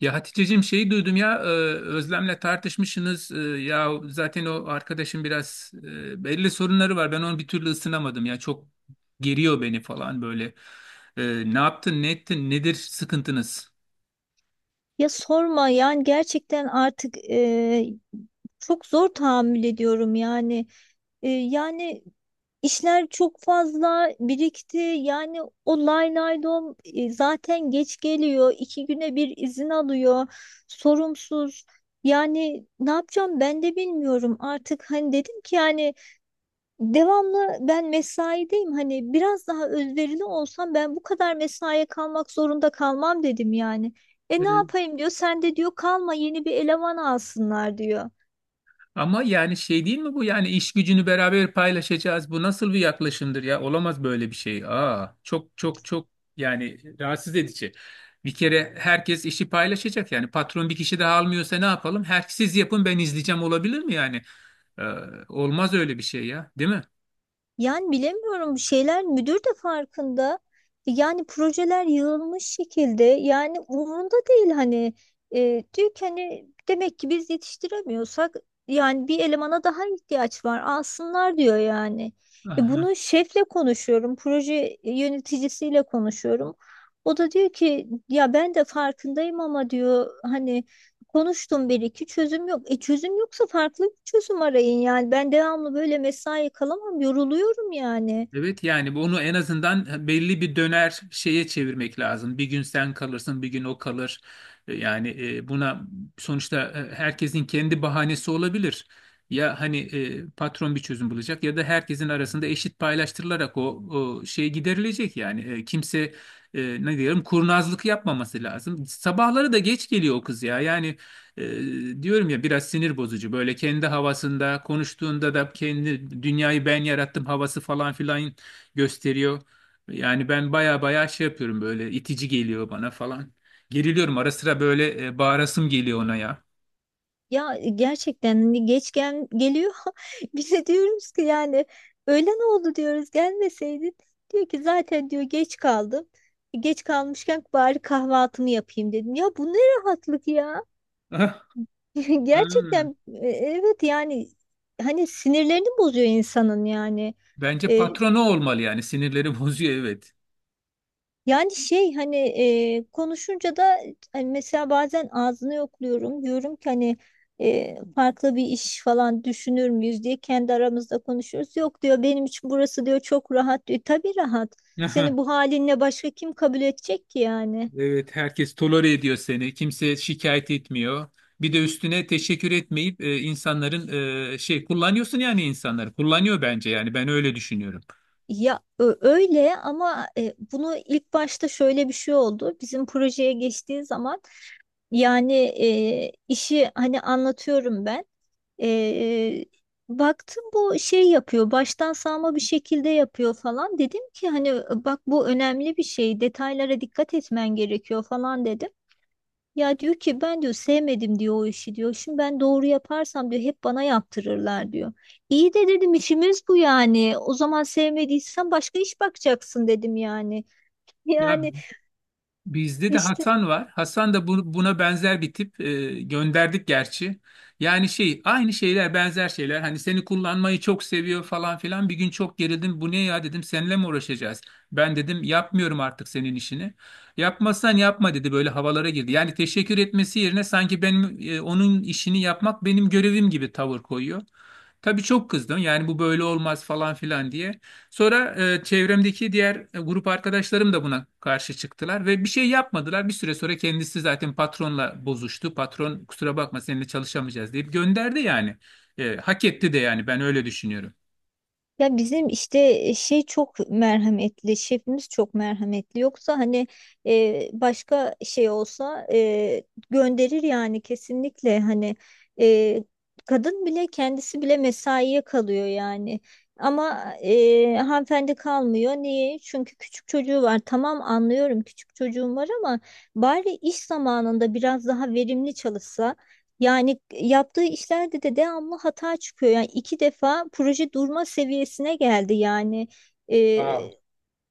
Ya Haticeciğim şeyi duydum ya Özlem'le tartışmışsınız. Ya zaten o arkadaşım biraz belli sorunları var. Ben onu bir türlü ısınamadım ya. Çok geriyor beni falan böyle. Ne yaptın, ne ettin, nedir sıkıntınız? Ya sorma yani gerçekten artık çok zor tahammül ediyorum yani. Yani işler çok fazla birikti. Yani o lay lay dom, zaten geç geliyor. İki güne bir izin alıyor. Sorumsuz. Yani ne yapacağım ben de bilmiyorum. Artık hani dedim ki yani devamlı ben mesaideyim, hani biraz daha özverili olsam ben bu kadar mesaiye kalmak zorunda kalmam dedim yani. E ne yapayım diyor, sen de diyor kalma, yeni bir eleman alsınlar diyor. Ama yani şey değil mi bu? Yani iş gücünü beraber paylaşacağız. Bu nasıl bir yaklaşımdır ya? Olamaz böyle bir şey. Aa, çok çok çok yani rahatsız edici. Bir kere herkes işi paylaşacak. Yani patron bir kişi daha almıyorsa ne yapalım? Her siz yapın ben izleyeceğim olabilir mi yani? Ee, olmaz öyle bir şey ya, değil mi? Yani bilemiyorum, şeyler müdür de farkında. Yani projeler yığılmış şekilde, yani umurunda değil hani. Diyor ki hani demek ki biz yetiştiremiyorsak yani bir elemana daha ihtiyaç var, alsınlar diyor yani. Aha. Bunu şefle konuşuyorum, proje yöneticisiyle konuşuyorum. O da diyor ki ya ben de farkındayım ama diyor hani konuştum, bir iki çözüm yok. E çözüm yoksa farklı bir çözüm arayın yani. Ben devamlı böyle mesai kalamam, yoruluyorum yani. Evet yani bunu en azından belli bir döner şeye çevirmek lazım. Bir gün sen kalırsın, bir gün o kalır. Yani buna sonuçta herkesin kendi bahanesi olabilir. Ya hani patron bir çözüm bulacak ya da herkesin arasında eşit paylaştırılarak o, o şey giderilecek yani. Kimse ne diyelim kurnazlık yapmaması lazım. Sabahları da geç geliyor o kız ya. Yani diyorum ya biraz sinir bozucu böyle kendi havasında konuştuğunda da kendi dünyayı ben yarattım havası falan filan gösteriyor. Yani ben baya baya şey yapıyorum böyle itici geliyor bana falan. Geriliyorum ara sıra böyle bağırasım geliyor ona ya. Ya gerçekten hani geç gel geliyor. Bize diyoruz ki yani öğlen oldu diyoruz, gelmeseydin. Diyor ki zaten diyor geç kaldım. E geç kalmışken bari kahvaltımı yapayım dedim. Ya bu ne rahatlık ya. Ah, ah. Gerçekten evet yani hani sinirlerini bozuyor insanın yani. Bence E, patronu olmalı yani sinirleri bozuyor evet. Yani şey hani, konuşunca da hani mesela bazen ağzını yokluyorum. Diyorum ki hani farklı bir iş falan düşünür müyüz diye kendi aramızda konuşuyoruz. Yok diyor, benim için burası diyor çok rahat diyor. Tabii rahat. Aha, Seni bu halinle başka kim kabul edecek ki yani? evet, herkes tolere ediyor seni. Kimse şikayet etmiyor. Bir de üstüne teşekkür etmeyip insanların şey kullanıyorsun yani insanları. Kullanıyor bence yani ben öyle düşünüyorum. Ya öyle ama bunu ilk başta şöyle bir şey oldu. Bizim projeye geçtiği zaman yani, işi hani anlatıyorum ben. E, Baktım bu şey yapıyor, baştan sağma bir şekilde yapıyor falan. Dedim ki hani bak bu önemli bir şey, detaylara dikkat etmen gerekiyor falan dedim. Ya diyor ki ben diyor sevmedim diyor o işi diyor. Şimdi ben doğru yaparsam diyor hep bana yaptırırlar diyor. İyi de dedim işimiz bu yani. O zaman sevmediysen başka iş bakacaksın dedim yani. Ya Yani bizde de işte. Hasan var. Hasan da buna benzer bir tip. Gönderdik gerçi. Yani şey aynı şeyler benzer şeyler. Hani seni kullanmayı çok seviyor falan filan. Bir gün çok gerildim. Bu ne ya dedim. Seninle mi uğraşacağız? Ben dedim yapmıyorum artık senin işini. Yapmazsan yapma dedi. Böyle havalara girdi. Yani teşekkür etmesi yerine sanki benim onun işini yapmak benim görevim gibi tavır koyuyor. Tabii çok kızdım. Yani bu böyle olmaz falan filan diye. Sonra çevremdeki diğer grup arkadaşlarım da buna karşı çıktılar ve bir şey yapmadılar. Bir süre sonra kendisi zaten patronla bozuştu. Patron kusura bakma seninle çalışamayacağız deyip gönderdi yani. Hak etti de yani ben öyle düşünüyorum. Ya bizim işte şey çok merhametli, şefimiz çok merhametli. Yoksa hani başka şey olsa gönderir yani kesinlikle hani. e, Kadın bile, kendisi bile mesaiye kalıyor yani. Ama hanımefendi kalmıyor. Niye? Çünkü küçük çocuğu var. Tamam anlıyorum küçük çocuğum var ama bari iş zamanında biraz daha verimli çalışsa. Yani yaptığı işlerde de devamlı hata çıkıyor. Yani iki defa proje durma seviyesine geldi yani. Wow. Ee,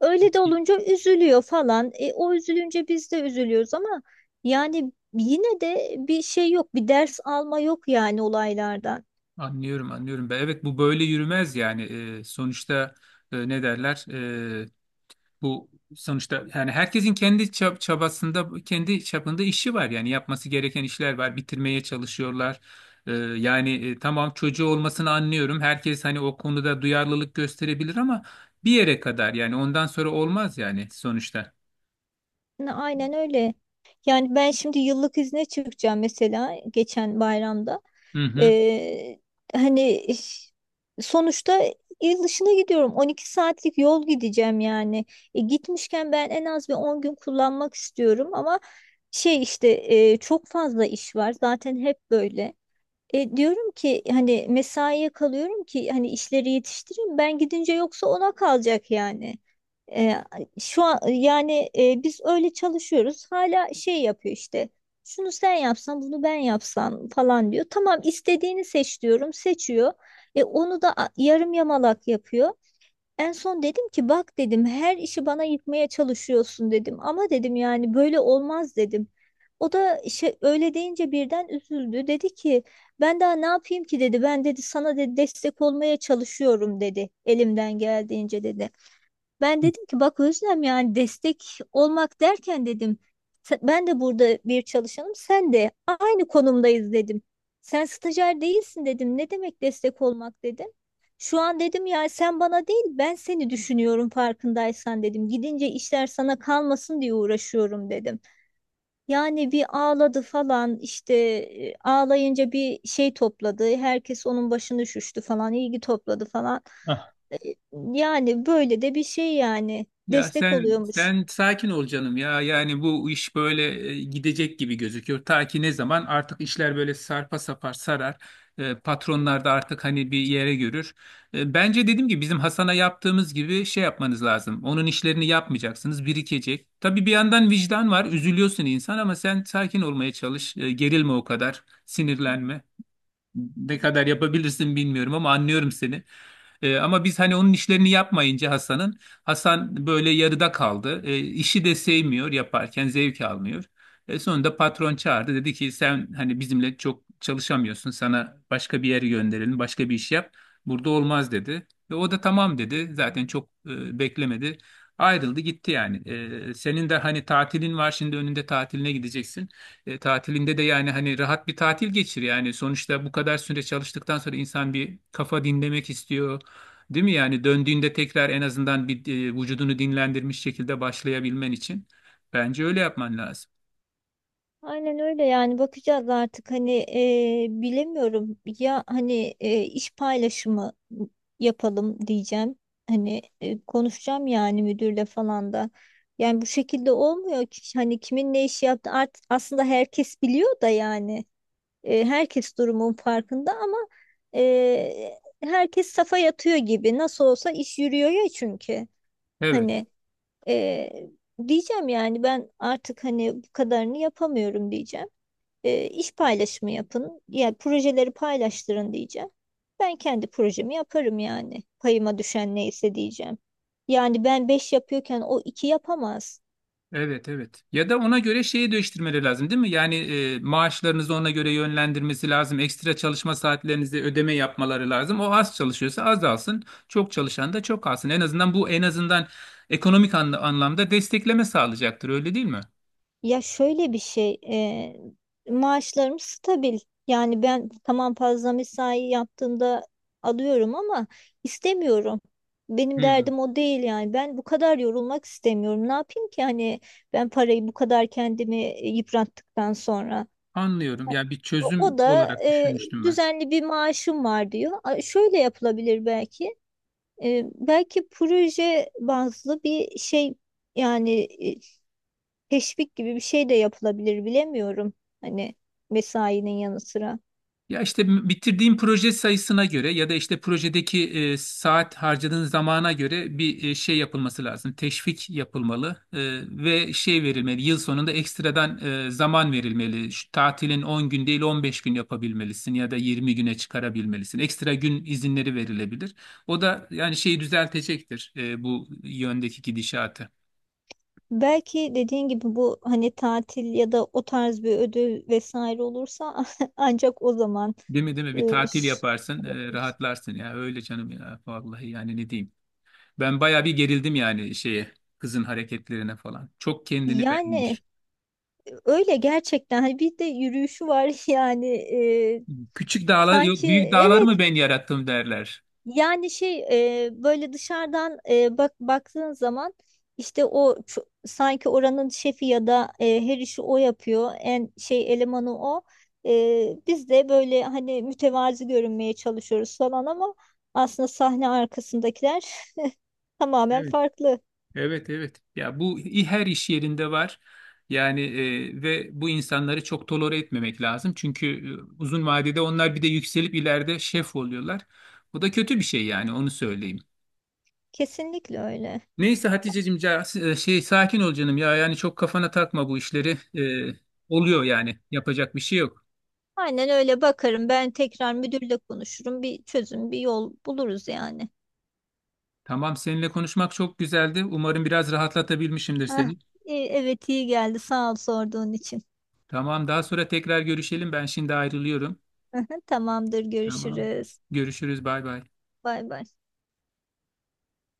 Öyle de olunca üzülüyor falan. E o üzülünce biz de üzülüyoruz ama yani yine de bir şey yok, bir ders alma yok yani olaylardan. Anlıyorum, anlıyorum. Ben, evet bu böyle yürümez yani. Sonuçta ne derler? Bu sonuçta yani herkesin kendi çabasında, kendi çapında işi var. Yani yapması gereken işler var. Bitirmeye çalışıyorlar. Yani tamam çocuğu olmasını anlıyorum. Herkes hani o konuda duyarlılık gösterebilir ama bir yere kadar yani ondan sonra olmaz yani sonuçta. Aynen öyle. Yani ben şimdi yıllık izne çıkacağım, mesela geçen bayramda. Hı Ee, Hani sonuçta il dışına gidiyorum. 12 saatlik yol gideceğim yani. E gitmişken ben en az bir 10 gün kullanmak istiyorum ama şey işte çok fazla iş var. Zaten hep böyle. Diyorum ki hani mesaiye kalıyorum ki hani işleri yetiştireyim ben gidince, yoksa ona kalacak yani. E, Şu an yani biz öyle çalışıyoruz, hala şey yapıyor işte şunu sen yapsan bunu ben yapsam falan diyor. Tamam istediğini seç diyorum, seçiyor. Onu da yarım yamalak yapıyor. En son dedim ki bak dedim her işi bana yıkmaya çalışıyorsun dedim ama dedim yani böyle olmaz dedim. O da şey, öyle deyince birden üzüldü. Dedi ki ben daha ne yapayım ki dedi. Ben dedi sana dedi destek olmaya çalışıyorum dedi. Elimden geldiğince dedi. Ben dedim ki bak Özlem yani destek olmak derken dedim, ben de burada bir çalışanım, sen de aynı konumdayız dedim. Sen stajyer değilsin dedim. Ne demek destek olmak dedim. Şu an dedim yani sen bana değil, ben seni düşünüyorum farkındaysan dedim. Gidince işler sana kalmasın diye uğraşıyorum dedim. Yani bir ağladı falan işte, ağlayınca bir şey topladı. Herkes onun başını şüştü falan, ilgi topladı falan. hı. E, Yani böyle de bir şey yani, Ya destek sen oluyormuş. sen sakin ol canım ya. Yani bu iş böyle gidecek gibi gözüküyor. Ta ki ne zaman artık işler böyle sarpa sapar sarar. Patronlar da artık hani bir yere görür. Bence dedim ki bizim Hasan'a yaptığımız gibi şey yapmanız lazım. Onun işlerini yapmayacaksınız, birikecek. Tabii bir yandan vicdan var, üzülüyorsun insan ama sen sakin olmaya çalış. Gerilme o kadar, sinirlenme. Ne kadar yapabilirsin bilmiyorum ama anlıyorum seni. Ama biz hani onun işlerini yapmayınca Hasan böyle yarıda kaldı. İşi de sevmiyor yaparken zevk almıyor. Sonunda patron çağırdı dedi ki sen hani bizimle çok çalışamıyorsun sana başka bir yere gönderelim başka bir iş yap. Burada olmaz dedi. Ve o da tamam dedi zaten çok beklemedi. Ayrıldı gitti yani. Senin de hani tatilin var şimdi önünde tatiline gideceksin. Tatilinde de yani hani rahat bir tatil geçir yani sonuçta bu kadar süre çalıştıktan sonra insan bir kafa dinlemek istiyor değil mi yani döndüğünde tekrar en azından bir vücudunu dinlendirmiş şekilde başlayabilmen için bence öyle yapman lazım. Aynen öyle yani bakacağız artık hani. Bilemiyorum ya hani, iş paylaşımı yapalım diyeceğim. Hani konuşacağım yani müdürle falan da. Yani bu şekilde olmuyor ki, hani kimin ne işi yaptı artık aslında herkes biliyor da yani. Herkes durumun farkında ama herkes safa yatıyor gibi. Nasıl olsa iş yürüyor ya çünkü. Evet. Hani e, diyeceğim yani ben artık hani bu kadarını yapamıyorum diyeceğim. İş paylaşımı yapın. Yani projeleri paylaştırın diyeceğim. Ben kendi projemi yaparım yani. Payıma düşen neyse diyeceğim. Yani ben 5 yapıyorken o 2 yapamaz. Evet, evet. Ya da ona göre şeyi değiştirmeleri lazım değil mi? Yani maaşlarınızı ona göre yönlendirmesi lazım. Ekstra çalışma saatlerinizi ödeme yapmaları lazım. O az çalışıyorsa az alsın. Çok çalışan da çok alsın. En azından bu en azından ekonomik anlamda destekleme sağlayacaktır öyle değil mi? Ya şöyle bir şey, maaşlarım stabil. Yani ben tamam fazla mesai yaptığımda alıyorum ama istemiyorum. Benim Hı, derdim o değil yani. Ben bu kadar yorulmak istemiyorum. Ne yapayım ki hani ben parayı bu kadar kendimi yıprattıktan sonra. anlıyorum. Yani bir O çözüm da olarak düşünmüştüm ben. düzenli bir maaşım var diyor. A, şöyle yapılabilir belki. E belki proje bazlı bir şey yani teşvik gibi bir şey de yapılabilir, bilemiyorum. Hani mesainin yanı sıra. Ya işte bitirdiğin proje sayısına göre ya da işte projedeki saat harcadığın zamana göre bir şey yapılması lazım. Teşvik yapılmalı ve şey verilmeli. Yıl sonunda ekstradan zaman verilmeli. Şu tatilin 10 gün değil 15 gün yapabilmelisin ya da 20 güne çıkarabilmelisin. Ekstra gün izinleri verilebilir. O da yani şeyi düzeltecektir bu yöndeki gidişatı. Belki dediğin gibi bu hani tatil ya da o tarz bir ödül vesaire olursa ancak o zaman Değil mi, değil mi? Bir e, tatil ş- yaparsın, rahatlarsın ya. Öyle canım ya. Vallahi yani ne diyeyim. Ben bayağı bir gerildim yani şeye kızın hareketlerine falan. Çok kendini yani beğenmiş. öyle gerçekten hani, bir de yürüyüşü var. Yani Küçük dağlar yok sanki, büyük dağları evet. mı ben yarattım derler. Yani şey, böyle dışarıdan baktığın zaman işte o sanki oranın şefi, ya da her işi o yapıyor. En şey elemanı o. Biz de böyle hani mütevazi görünmeye çalışıyoruz falan ama aslında sahne arkasındakiler tamamen Evet, farklı. evet, evet. Ya bu her iş yerinde var. Yani ve bu insanları çok tolere etmemek lazım. Çünkü uzun vadede onlar bir de yükselip ileride şef oluyorlar. Bu da kötü bir şey yani onu söyleyeyim. Kesinlikle öyle. Neyse Haticeciğim şey sakin ol canım ya yani çok kafana takma bu işleri. E, oluyor yani yapacak bir şey yok. Aynen öyle bakarım. Ben tekrar müdürle konuşurum. Bir çözüm, bir yol buluruz yani. Tamam, seninle konuşmak çok güzeldi. Umarım biraz rahatlatabilmişimdir Heh, seni. Evet iyi geldi. Sağ ol sorduğun için. Tamam, daha sonra tekrar görüşelim. Ben şimdi ayrılıyorum. Tamamdır, Tamam. görüşürüz. Görüşürüz. Bay bay. Bay bay.